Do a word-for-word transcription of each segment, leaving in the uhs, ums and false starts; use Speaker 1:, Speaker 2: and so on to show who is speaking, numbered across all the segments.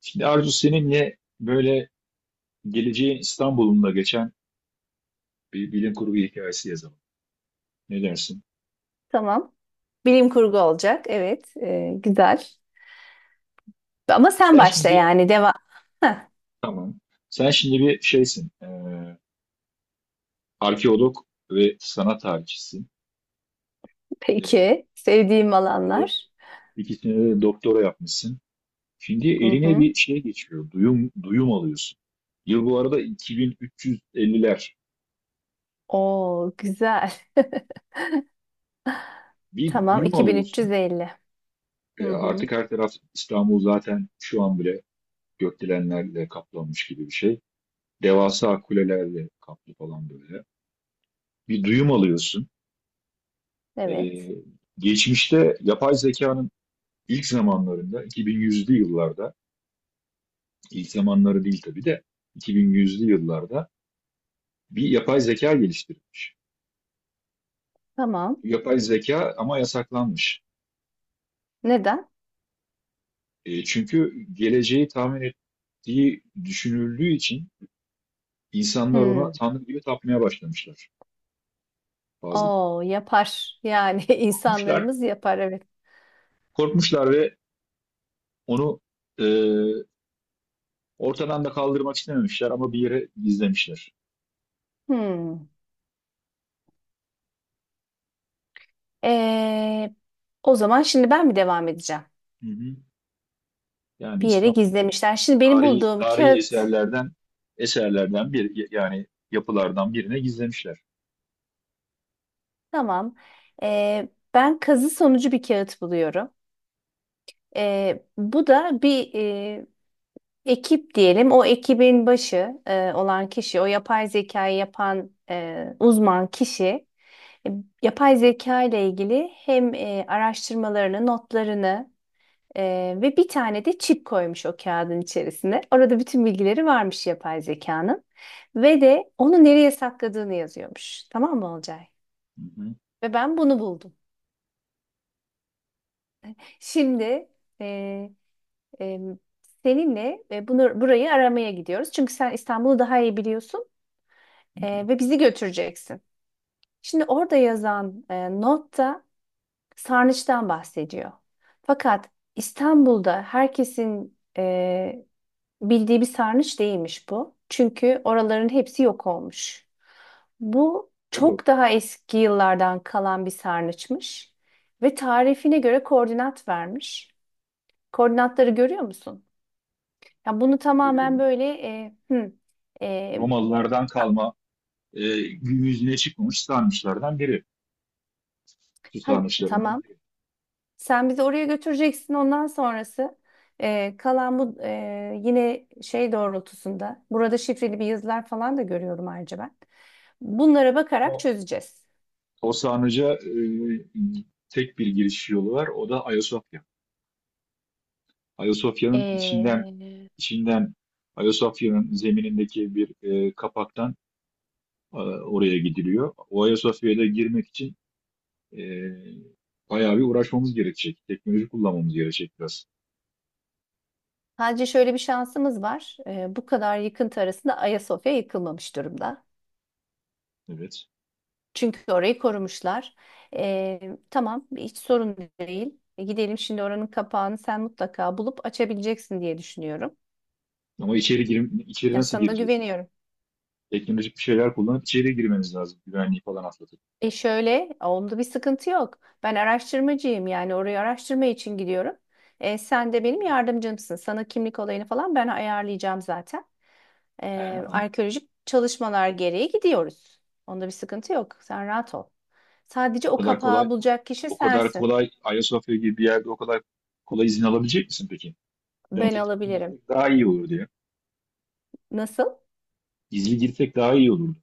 Speaker 1: Şimdi Arzu seninle böyle geleceğin İstanbul'unda geçen bir bilim kurgu hikayesi yazalım. Ne dersin?
Speaker 2: Tamam. Bilim kurgu olacak. Evet. E, güzel. Ama sen
Speaker 1: Sen
Speaker 2: başla
Speaker 1: şimdi
Speaker 2: yani. Devam. Heh,
Speaker 1: tamam. Sen şimdi bir şeysin. e, arkeolog ve sanat tarihçisin. E,
Speaker 2: peki. Sevdiğim
Speaker 1: bir de
Speaker 2: alanlar.
Speaker 1: ikisine de doktora yapmışsın. Şimdi
Speaker 2: Hı
Speaker 1: eline
Speaker 2: hı.
Speaker 1: bir şey geçiyor. Duyum duyum alıyorsun. Yıl bu arada iki bin üç yüz elliler.
Speaker 2: Oo, güzel.
Speaker 1: Bir
Speaker 2: Tamam.
Speaker 1: duyum alıyorsun.
Speaker 2: iki bin üç yüz elli.
Speaker 1: E,
Speaker 2: Hı hı.
Speaker 1: artık her taraf İstanbul zaten şu an bile gökdelenlerle kaplanmış gibi bir şey. Devasa kulelerle kaplı falan böyle. Bir duyum alıyorsun. Ee,
Speaker 2: Evet.
Speaker 1: geçmişte yapay zekanın ilk zamanlarında, iki bin yüzlü yıllarda, ilk zamanları değil tabii de iki bin yüzlü yıllarda bir yapay zeka geliştirilmiş.
Speaker 2: Tamam.
Speaker 1: Bu yapay zeka ama yasaklanmış.
Speaker 2: Neden?
Speaker 1: E, çünkü geleceği tahmin ettiği düşünüldüğü için insanlar ona
Speaker 2: Hmm.
Speaker 1: tanrı gibi tapmaya başlamışlar. Bazı
Speaker 2: Oo, yapar. Yani
Speaker 1: korkmuşlar,
Speaker 2: insanlarımız yapar. Evet.
Speaker 1: korkmuşlar ve onu e, Ortadan da kaldırmak istememişler ama bir yere gizlemişler.
Speaker 2: Hmm. Ee, O zaman şimdi ben mi devam edeceğim?
Speaker 1: Hı hı. Yani
Speaker 2: Bir yere
Speaker 1: İstanbul
Speaker 2: gizlemişler. Şimdi benim
Speaker 1: tarihi,
Speaker 2: bulduğum
Speaker 1: tarihi
Speaker 2: kağıt.
Speaker 1: eserlerden eserlerden bir yani yapılardan birine gizlemişler.
Speaker 2: Tamam. Ee, ben kazı sonucu bir kağıt buluyorum. Ee, bu da bir e, ekip diyelim. O ekibin başı e, olan kişi, o yapay zekayı yapan e, uzman kişi, e, yapay zeka ile ilgili hem e, araştırmalarını, notlarını e, ve bir tane de çip koymuş o kağıdın içerisine. Orada bütün bilgileri varmış yapay zekanın ve de onu nereye sakladığını yazıyormuş. Tamam mı Olcay?
Speaker 1: Hı hı.
Speaker 2: Ve ben bunu buldum. Şimdi e, e, seninle e, bunu burayı aramaya gidiyoruz. Çünkü sen İstanbul'u daha iyi biliyorsun
Speaker 1: Hı hı.
Speaker 2: e, ve bizi götüreceksin. Şimdi orada yazan e, notta sarnıçtan bahsediyor. Fakat İstanbul'da herkesin e, bildiği bir sarnıç değilmiş bu. Çünkü oraların hepsi yok olmuş. Bu
Speaker 1: Doğru.
Speaker 2: çok daha eski yıllardan kalan bir sarnıçmış ve tarifine göre koordinat vermiş. Koordinatları görüyor musun? Ya bunu tamamen
Speaker 1: Görüyorum.
Speaker 2: böyle e, hı, e,
Speaker 1: Romalılardan kalma e, gün yüzüne çıkmamış sarnıçlardan biri. Su
Speaker 2: ha-
Speaker 1: sarnıçlarından
Speaker 2: tamam.
Speaker 1: biri.
Speaker 2: Sen bizi oraya götüreceksin. Ondan sonrası e, kalan bu e, yine şey doğrultusunda. Burada şifreli bir yazılar falan da görüyorum ayrıca ben. Bunlara bakarak
Speaker 1: Ama
Speaker 2: çözeceğiz.
Speaker 1: o sarnıca e, tek bir giriş yolu var. O da Ayasofya. Ayasofya'nın içinden
Speaker 2: E,
Speaker 1: içinden Ayasofya'nın zeminindeki bir e, kapaktan e, oraya gidiliyor. O Ayasofya'ya da girmek için e, bayağı bir uğraşmamız gerekecek. Teknoloji kullanmamız gerekecek biraz.
Speaker 2: sadece şöyle bir şansımız var. E, bu kadar yıkıntı arasında Ayasofya yıkılmamış durumda.
Speaker 1: Evet.
Speaker 2: Çünkü orayı korumuşlar. Ee, tamam, hiç sorun değil. E, gidelim şimdi oranın kapağını sen mutlaka bulup açabileceksin diye düşünüyorum.
Speaker 1: Ama içeri girim, içeri
Speaker 2: Ya
Speaker 1: nasıl
Speaker 2: sana
Speaker 1: gireceğiz?
Speaker 2: güveniyorum.
Speaker 1: Teknolojik bir şeyler kullanıp içeri girmeniz lazım. Güvenliği falan atlatıp.
Speaker 2: E şöyle, onda bir sıkıntı yok. Ben araştırmacıyım yani orayı araştırma için gidiyorum. E, sen de benim yardımcımsın. Sana kimlik olayını falan ben ayarlayacağım zaten.
Speaker 1: He,
Speaker 2: E,
Speaker 1: anladım.
Speaker 2: arkeolojik çalışmalar gereği gidiyoruz. Onda bir sıkıntı yok. Sen rahat ol. Sadece
Speaker 1: O
Speaker 2: o
Speaker 1: kadar kolay
Speaker 2: kapağı bulacak kişi
Speaker 1: o kadar
Speaker 2: sensin.
Speaker 1: kolay Ayasofya gibi bir yerde o kadar kolay izin alabilecek misin peki?
Speaker 2: Ben
Speaker 1: Bence gizli
Speaker 2: alabilirim.
Speaker 1: girsek daha iyi olur ya.
Speaker 2: Nasıl?
Speaker 1: Gizli girsek daha iyi olurdu.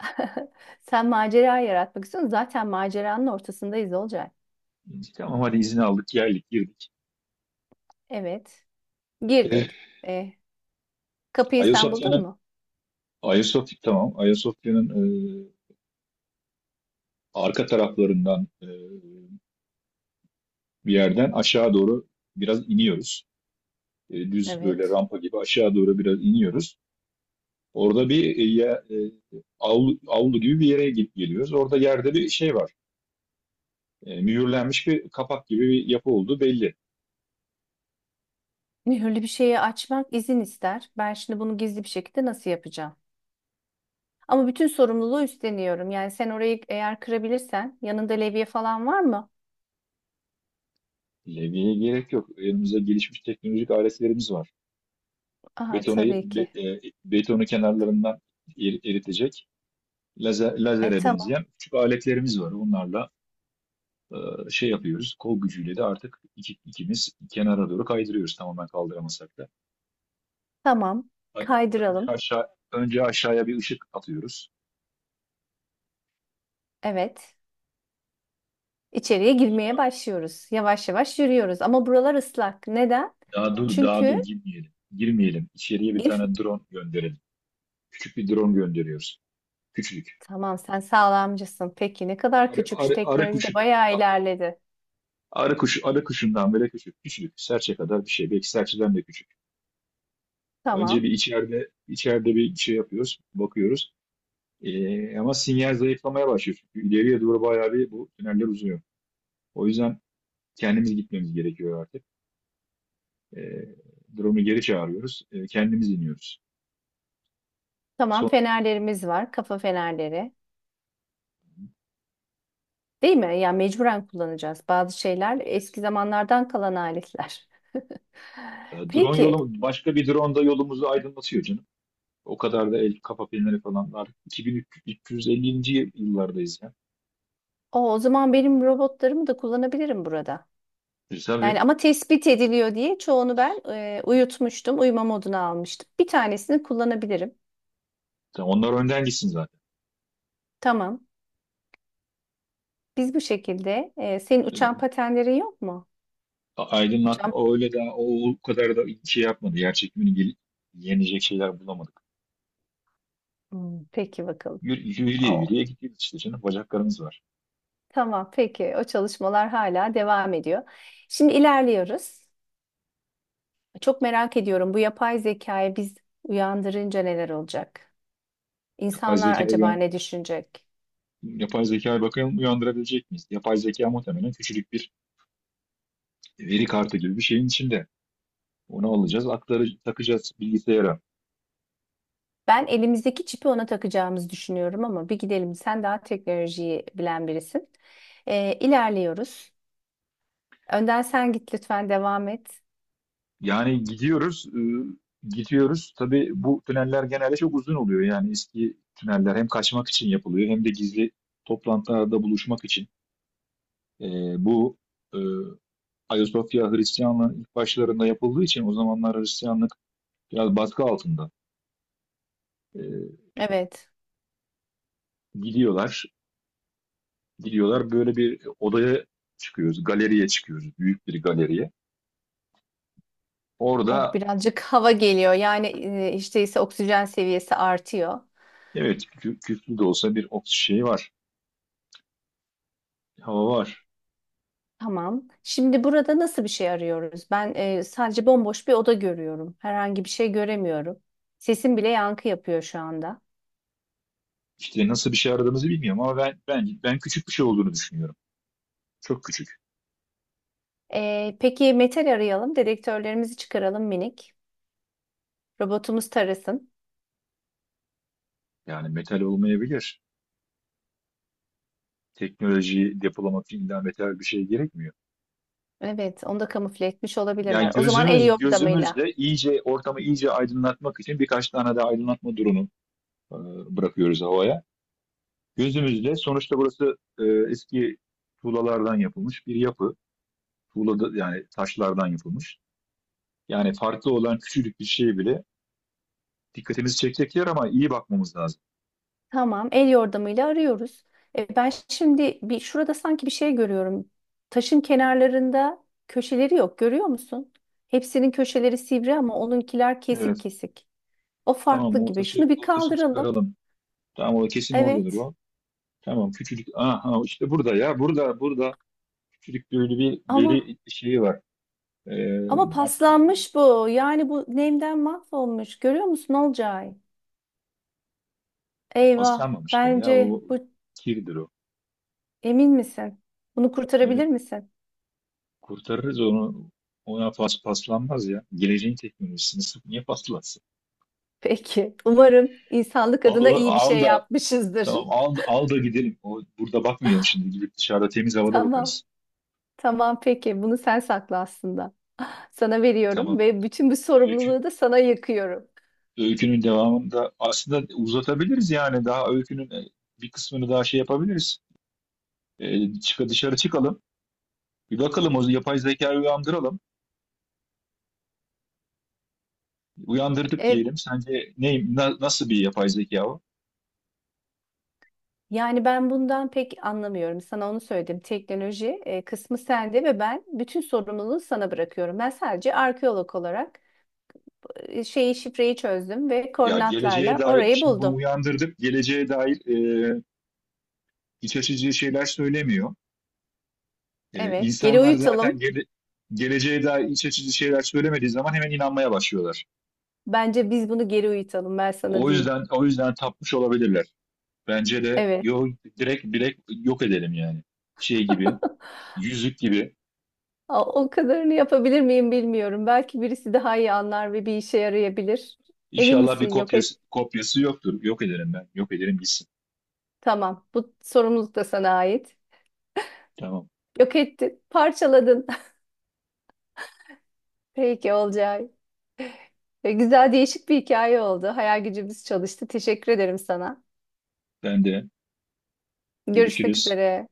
Speaker 2: Sen macera yaratmak istiyorsun. Zaten maceranın ortasındayız olacak.
Speaker 1: Dedik, Tamam hadi izin aldık, geldik, girdik.
Speaker 2: Evet.
Speaker 1: Eh,
Speaker 2: Girdik. E, Kapıyı sen buldun
Speaker 1: Ayasofya'nın
Speaker 2: mu?
Speaker 1: Ayasofya tamam. Ayasofya'nın arka taraflarından e, bir yerden aşağı doğru biraz iniyoruz. E, düz böyle
Speaker 2: Evet.
Speaker 1: rampa gibi aşağı doğru biraz iniyoruz. Orada bir e, ya- e, avlu, avlu gibi bir yere gidip geliyoruz. Orada yerde bir şey var. E, mühürlenmiş bir kapak gibi bir yapı olduğu belli.
Speaker 2: Mühürlü bir şeyi açmak izin ister. Ben şimdi bunu gizli bir şekilde nasıl yapacağım? Ama bütün sorumluluğu üstleniyorum. Yani sen orayı eğer kırabilirsen yanında levye falan var mı?
Speaker 1: Levyeye gerek yok. Elimizde gelişmiş teknolojik aletlerimiz var.
Speaker 2: Aha
Speaker 1: Betonu,
Speaker 2: tabii
Speaker 1: be-
Speaker 2: ki.
Speaker 1: e, betonu kenarlarından eri- eritecek lazer,
Speaker 2: E
Speaker 1: lazere
Speaker 2: tamam.
Speaker 1: benzeyen küçük aletlerimiz var. Onlarla e, şey yapıyoruz. Kol gücüyle de artık iki- ikimiz kenara doğru kaydırıyoruz tamamen kaldıramasak da.
Speaker 2: Tamam.
Speaker 1: Önce
Speaker 2: Kaydıralım.
Speaker 1: aşağı, önce aşağıya bir ışık atıyoruz.
Speaker 2: Evet. İçeriye girmeye başlıyoruz. Yavaş yavaş yürüyoruz. Ama buralar ıslak. Neden?
Speaker 1: Daha dur, daha dur
Speaker 2: Çünkü
Speaker 1: girmeyelim. Girmeyelim. İçeriye bir
Speaker 2: gir-
Speaker 1: tane drone gönderelim. Küçük bir drone gönderiyoruz. Küçücük.
Speaker 2: Tamam sen sağlamcısın. Peki ne
Speaker 1: Bir
Speaker 2: kadar
Speaker 1: Arı,
Speaker 2: küçük şu
Speaker 1: arı, arı
Speaker 2: teknoloji
Speaker 1: kuşu,
Speaker 2: de bayağı
Speaker 1: a-
Speaker 2: ilerledi.
Speaker 1: arı kuşu, arı kuşundan bile küçük. Küçücük. Serçe kadar bir şey. Belki serçeden de küçük. Önce bir
Speaker 2: Tamam.
Speaker 1: içeride, içeride bir şey yapıyoruz. Bakıyoruz. Ee, ama sinyal zayıflamaya başlıyor. Çünkü ileriye doğru bayağı bir bu tüneller uzuyor. O yüzden kendimiz gitmemiz gerekiyor artık. Ee, drone'u geri çağırıyoruz. Ee, kendimiz iniyoruz.
Speaker 2: Tamam
Speaker 1: Son,
Speaker 2: fenerlerimiz var. Kafa fenerleri. Değil mi? Ya yani mecburen kullanacağız. Bazı şeyler
Speaker 1: Evet.
Speaker 2: eski zamanlardan kalan aletler.
Speaker 1: e, drone
Speaker 2: Peki.
Speaker 1: yolu, başka bir drone da yolumuzu aydınlatıyor canım. O kadar da el kafa filmleri falan var. iki bin üç yüz ellinci. yıllardayız ya.
Speaker 2: O, o zaman benim robotlarımı da kullanabilirim burada.
Speaker 1: E, tabii.
Speaker 2: Yani ama tespit ediliyor diye çoğunu ben e, uyutmuştum. Uyuma moduna almıştım. Bir tanesini kullanabilirim.
Speaker 1: Tabii Onlar önden gitsin zaten.
Speaker 2: Tamam. Biz bu şekilde. E, senin
Speaker 1: E,
Speaker 2: uçan patenlerin yok mu?
Speaker 1: Aydınlatma
Speaker 2: Uçan...
Speaker 1: o öyle de o, o kadar da şey yapmadı. Yer çekimini gel- yenecek şeyler bulamadık.
Speaker 2: Hmm, peki bakalım.
Speaker 1: Yürü, yürüye yürüye gidiyoruz işte canım. Bacaklarımız var.
Speaker 2: Tamam, peki. O çalışmalar hala devam ediyor. Şimdi ilerliyoruz. Çok merak ediyorum bu yapay zekayı biz uyandırınca neler olacak?
Speaker 1: Yapay
Speaker 2: İnsanlar
Speaker 1: zeka
Speaker 2: acaba ne düşünecek?
Speaker 1: Yapay zekaya bakalım uyandırabilecek miyiz? Yapay zeka muhtemelen küçücük bir veri kartı gibi bir şeyin içinde. Onu alacağız, aktarı, takacağız bilgisayara.
Speaker 2: Ben elimizdeki çipi ona takacağımızı düşünüyorum ama bir gidelim. Sen daha teknolojiyi bilen birisin. Ee, ilerliyoruz. Önden sen git lütfen devam et.
Speaker 1: Yani gidiyoruz, e, gidiyoruz. Tabii bu tüneller genelde çok uzun oluyor. Yani eski tüneller hem kaçmak için yapılıyor hem de gizli toplantılarda buluşmak için. E, bu e, Ayasofya Hristiyanlığın ilk başlarında yapıldığı için o zamanlar Hristiyanlık biraz baskı altında. E,
Speaker 2: Evet.
Speaker 1: gidiyorlar, gidiyorlar. Böyle bir odaya çıkıyoruz. Galeriye çıkıyoruz. Büyük bir galeriye.
Speaker 2: Oh
Speaker 1: Orada,
Speaker 2: birazcık hava geliyor. Yani e, hiç değilse oksijen seviyesi artıyor.
Speaker 1: evet, kü- küflü de olsa bir oks şey var. Hava var.
Speaker 2: Tamam. Şimdi burada nasıl bir şey arıyoruz? Ben e, sadece bomboş bir oda görüyorum. Herhangi bir şey göremiyorum. Sesim bile yankı yapıyor şu anda.
Speaker 1: İşte nasıl bir şey aradığımızı bilmiyorum ama ben ben ben küçük bir şey olduğunu düşünüyorum. Çok küçük.
Speaker 2: E, peki metal arayalım. Dedektörlerimizi çıkaralım minik. Robotumuz tarasın.
Speaker 1: Yani metal olmayabilir. Teknolojiyi depolamak için illa metal bir şey gerekmiyor.
Speaker 2: Evet, onu da kamufle etmiş
Speaker 1: Yani
Speaker 2: olabilirler. O zaman el
Speaker 1: gözümüz
Speaker 2: yordamıyla.
Speaker 1: gözümüzle iyice ortamı iyice aydınlatmak için birkaç tane de aydınlatma durumu e, bırakıyoruz havaya. Gözümüzle sonuçta burası e, eski tuğlalardan yapılmış bir yapı. Tuğla yani taşlardan yapılmış. Yani farklı olan küçücük bir şey bile dikkatimizi çekecek yer ama iyi bakmamız lazım.
Speaker 2: Tamam, el yordamıyla arıyoruz. E, ben şimdi bir şurada sanki bir şey görüyorum. Taşın kenarlarında köşeleri yok. Görüyor musun? Hepsinin köşeleri sivri ama onunkiler kesik
Speaker 1: Evet.
Speaker 2: kesik. O
Speaker 1: Tamam
Speaker 2: farklı
Speaker 1: o
Speaker 2: gibi.
Speaker 1: taşı,
Speaker 2: Şunu bir
Speaker 1: o taşı
Speaker 2: kaldıralım.
Speaker 1: çıkaralım. Tamam o kesin oradadır
Speaker 2: Evet.
Speaker 1: o. Tamam küçücük. Aha işte burada ya, burada burada küçücük böyle bir
Speaker 2: Ama
Speaker 1: veri şeyi var. Ee,
Speaker 2: ama
Speaker 1: artık
Speaker 2: paslanmış bu. Yani bu nemden mahvolmuş. Görüyor musun Olcay? Eyvah.
Speaker 1: paslanmamıştır ya
Speaker 2: Bence
Speaker 1: o
Speaker 2: bu
Speaker 1: kirdir o.
Speaker 2: emin misin? Bunu
Speaker 1: Evet,
Speaker 2: kurtarabilir misin?
Speaker 1: kurtarırız onu. Ona pas paslanmaz ya. Geleceğin teknolojisini sık- niye paslansın?
Speaker 2: Peki. Umarım insanlık
Speaker 1: Al
Speaker 2: adına
Speaker 1: onu
Speaker 2: iyi bir
Speaker 1: al
Speaker 2: şey
Speaker 1: da
Speaker 2: yapmışızdır.
Speaker 1: Tamam al, al da gidelim. O, burada bakmayalım şimdi. Gidip dışarıda temiz havada
Speaker 2: Tamam.
Speaker 1: bakarız.
Speaker 2: Tamam peki. Bunu sen sakla aslında. Sana veriyorum
Speaker 1: Tamam.
Speaker 2: ve bütün bu
Speaker 1: Öykü,
Speaker 2: sorumluluğu da sana yıkıyorum.
Speaker 1: Öykünün devamında aslında uzatabiliriz yani. Daha öykünün e, bir kısmını daha şey yapabiliriz. E, çık, dışarı çıkalım. Bir bakalım o yapay zekayı uyandıralım. Uyandırdık
Speaker 2: E,
Speaker 1: diyelim. Sence ne, na- nasıl bir yapay zeka o?
Speaker 2: Yani ben bundan pek anlamıyorum. Sana onu söyledim. Teknoloji e, kısmı sende ve ben bütün sorumluluğu sana bırakıyorum. Ben sadece arkeolog olarak e, şeyi şifreyi çözdüm ve
Speaker 1: Ya geleceğe
Speaker 2: koordinatlarla
Speaker 1: dair,
Speaker 2: orayı
Speaker 1: şimdi bunu
Speaker 2: buldum.
Speaker 1: uyandırdık. Geleceğe dair e, iç açıcı şeyler söylemiyor. E,
Speaker 2: Evet, geri
Speaker 1: insanlar zaten
Speaker 2: uyutalım.
Speaker 1: gele, geleceğe dair iç açıcı şeyler söylemediği zaman hemen inanmaya başlıyorlar.
Speaker 2: Bence biz bunu geri uyutalım. Ben sana
Speaker 1: O
Speaker 2: diyeyim.
Speaker 1: yüzden o yüzden tapmış olabilirler. Bence de
Speaker 2: Evet.
Speaker 1: yo, direkt direkt yok edelim yani. Şey gibi, yüzük gibi.
Speaker 2: A- O kadarını yapabilir miyim bilmiyorum. Belki birisi daha iyi anlar ve bir işe yarayabilir. Emin
Speaker 1: İnşallah bir
Speaker 2: misin? Yok et.
Speaker 1: kopyası kopyası yoktur. Yok edelim ben. Yok ederim gitsin.
Speaker 2: Tamam. Bu sorumluluk da sana ait.
Speaker 1: Tamam.
Speaker 2: Yok ettin, parçaladın. Peki olacak. E, güzel değişik bir hikaye oldu. Hayal gücümüz çalıştı. Teşekkür ederim sana.
Speaker 1: Ben de
Speaker 2: Görüşmek
Speaker 1: görüşürüz.
Speaker 2: üzere.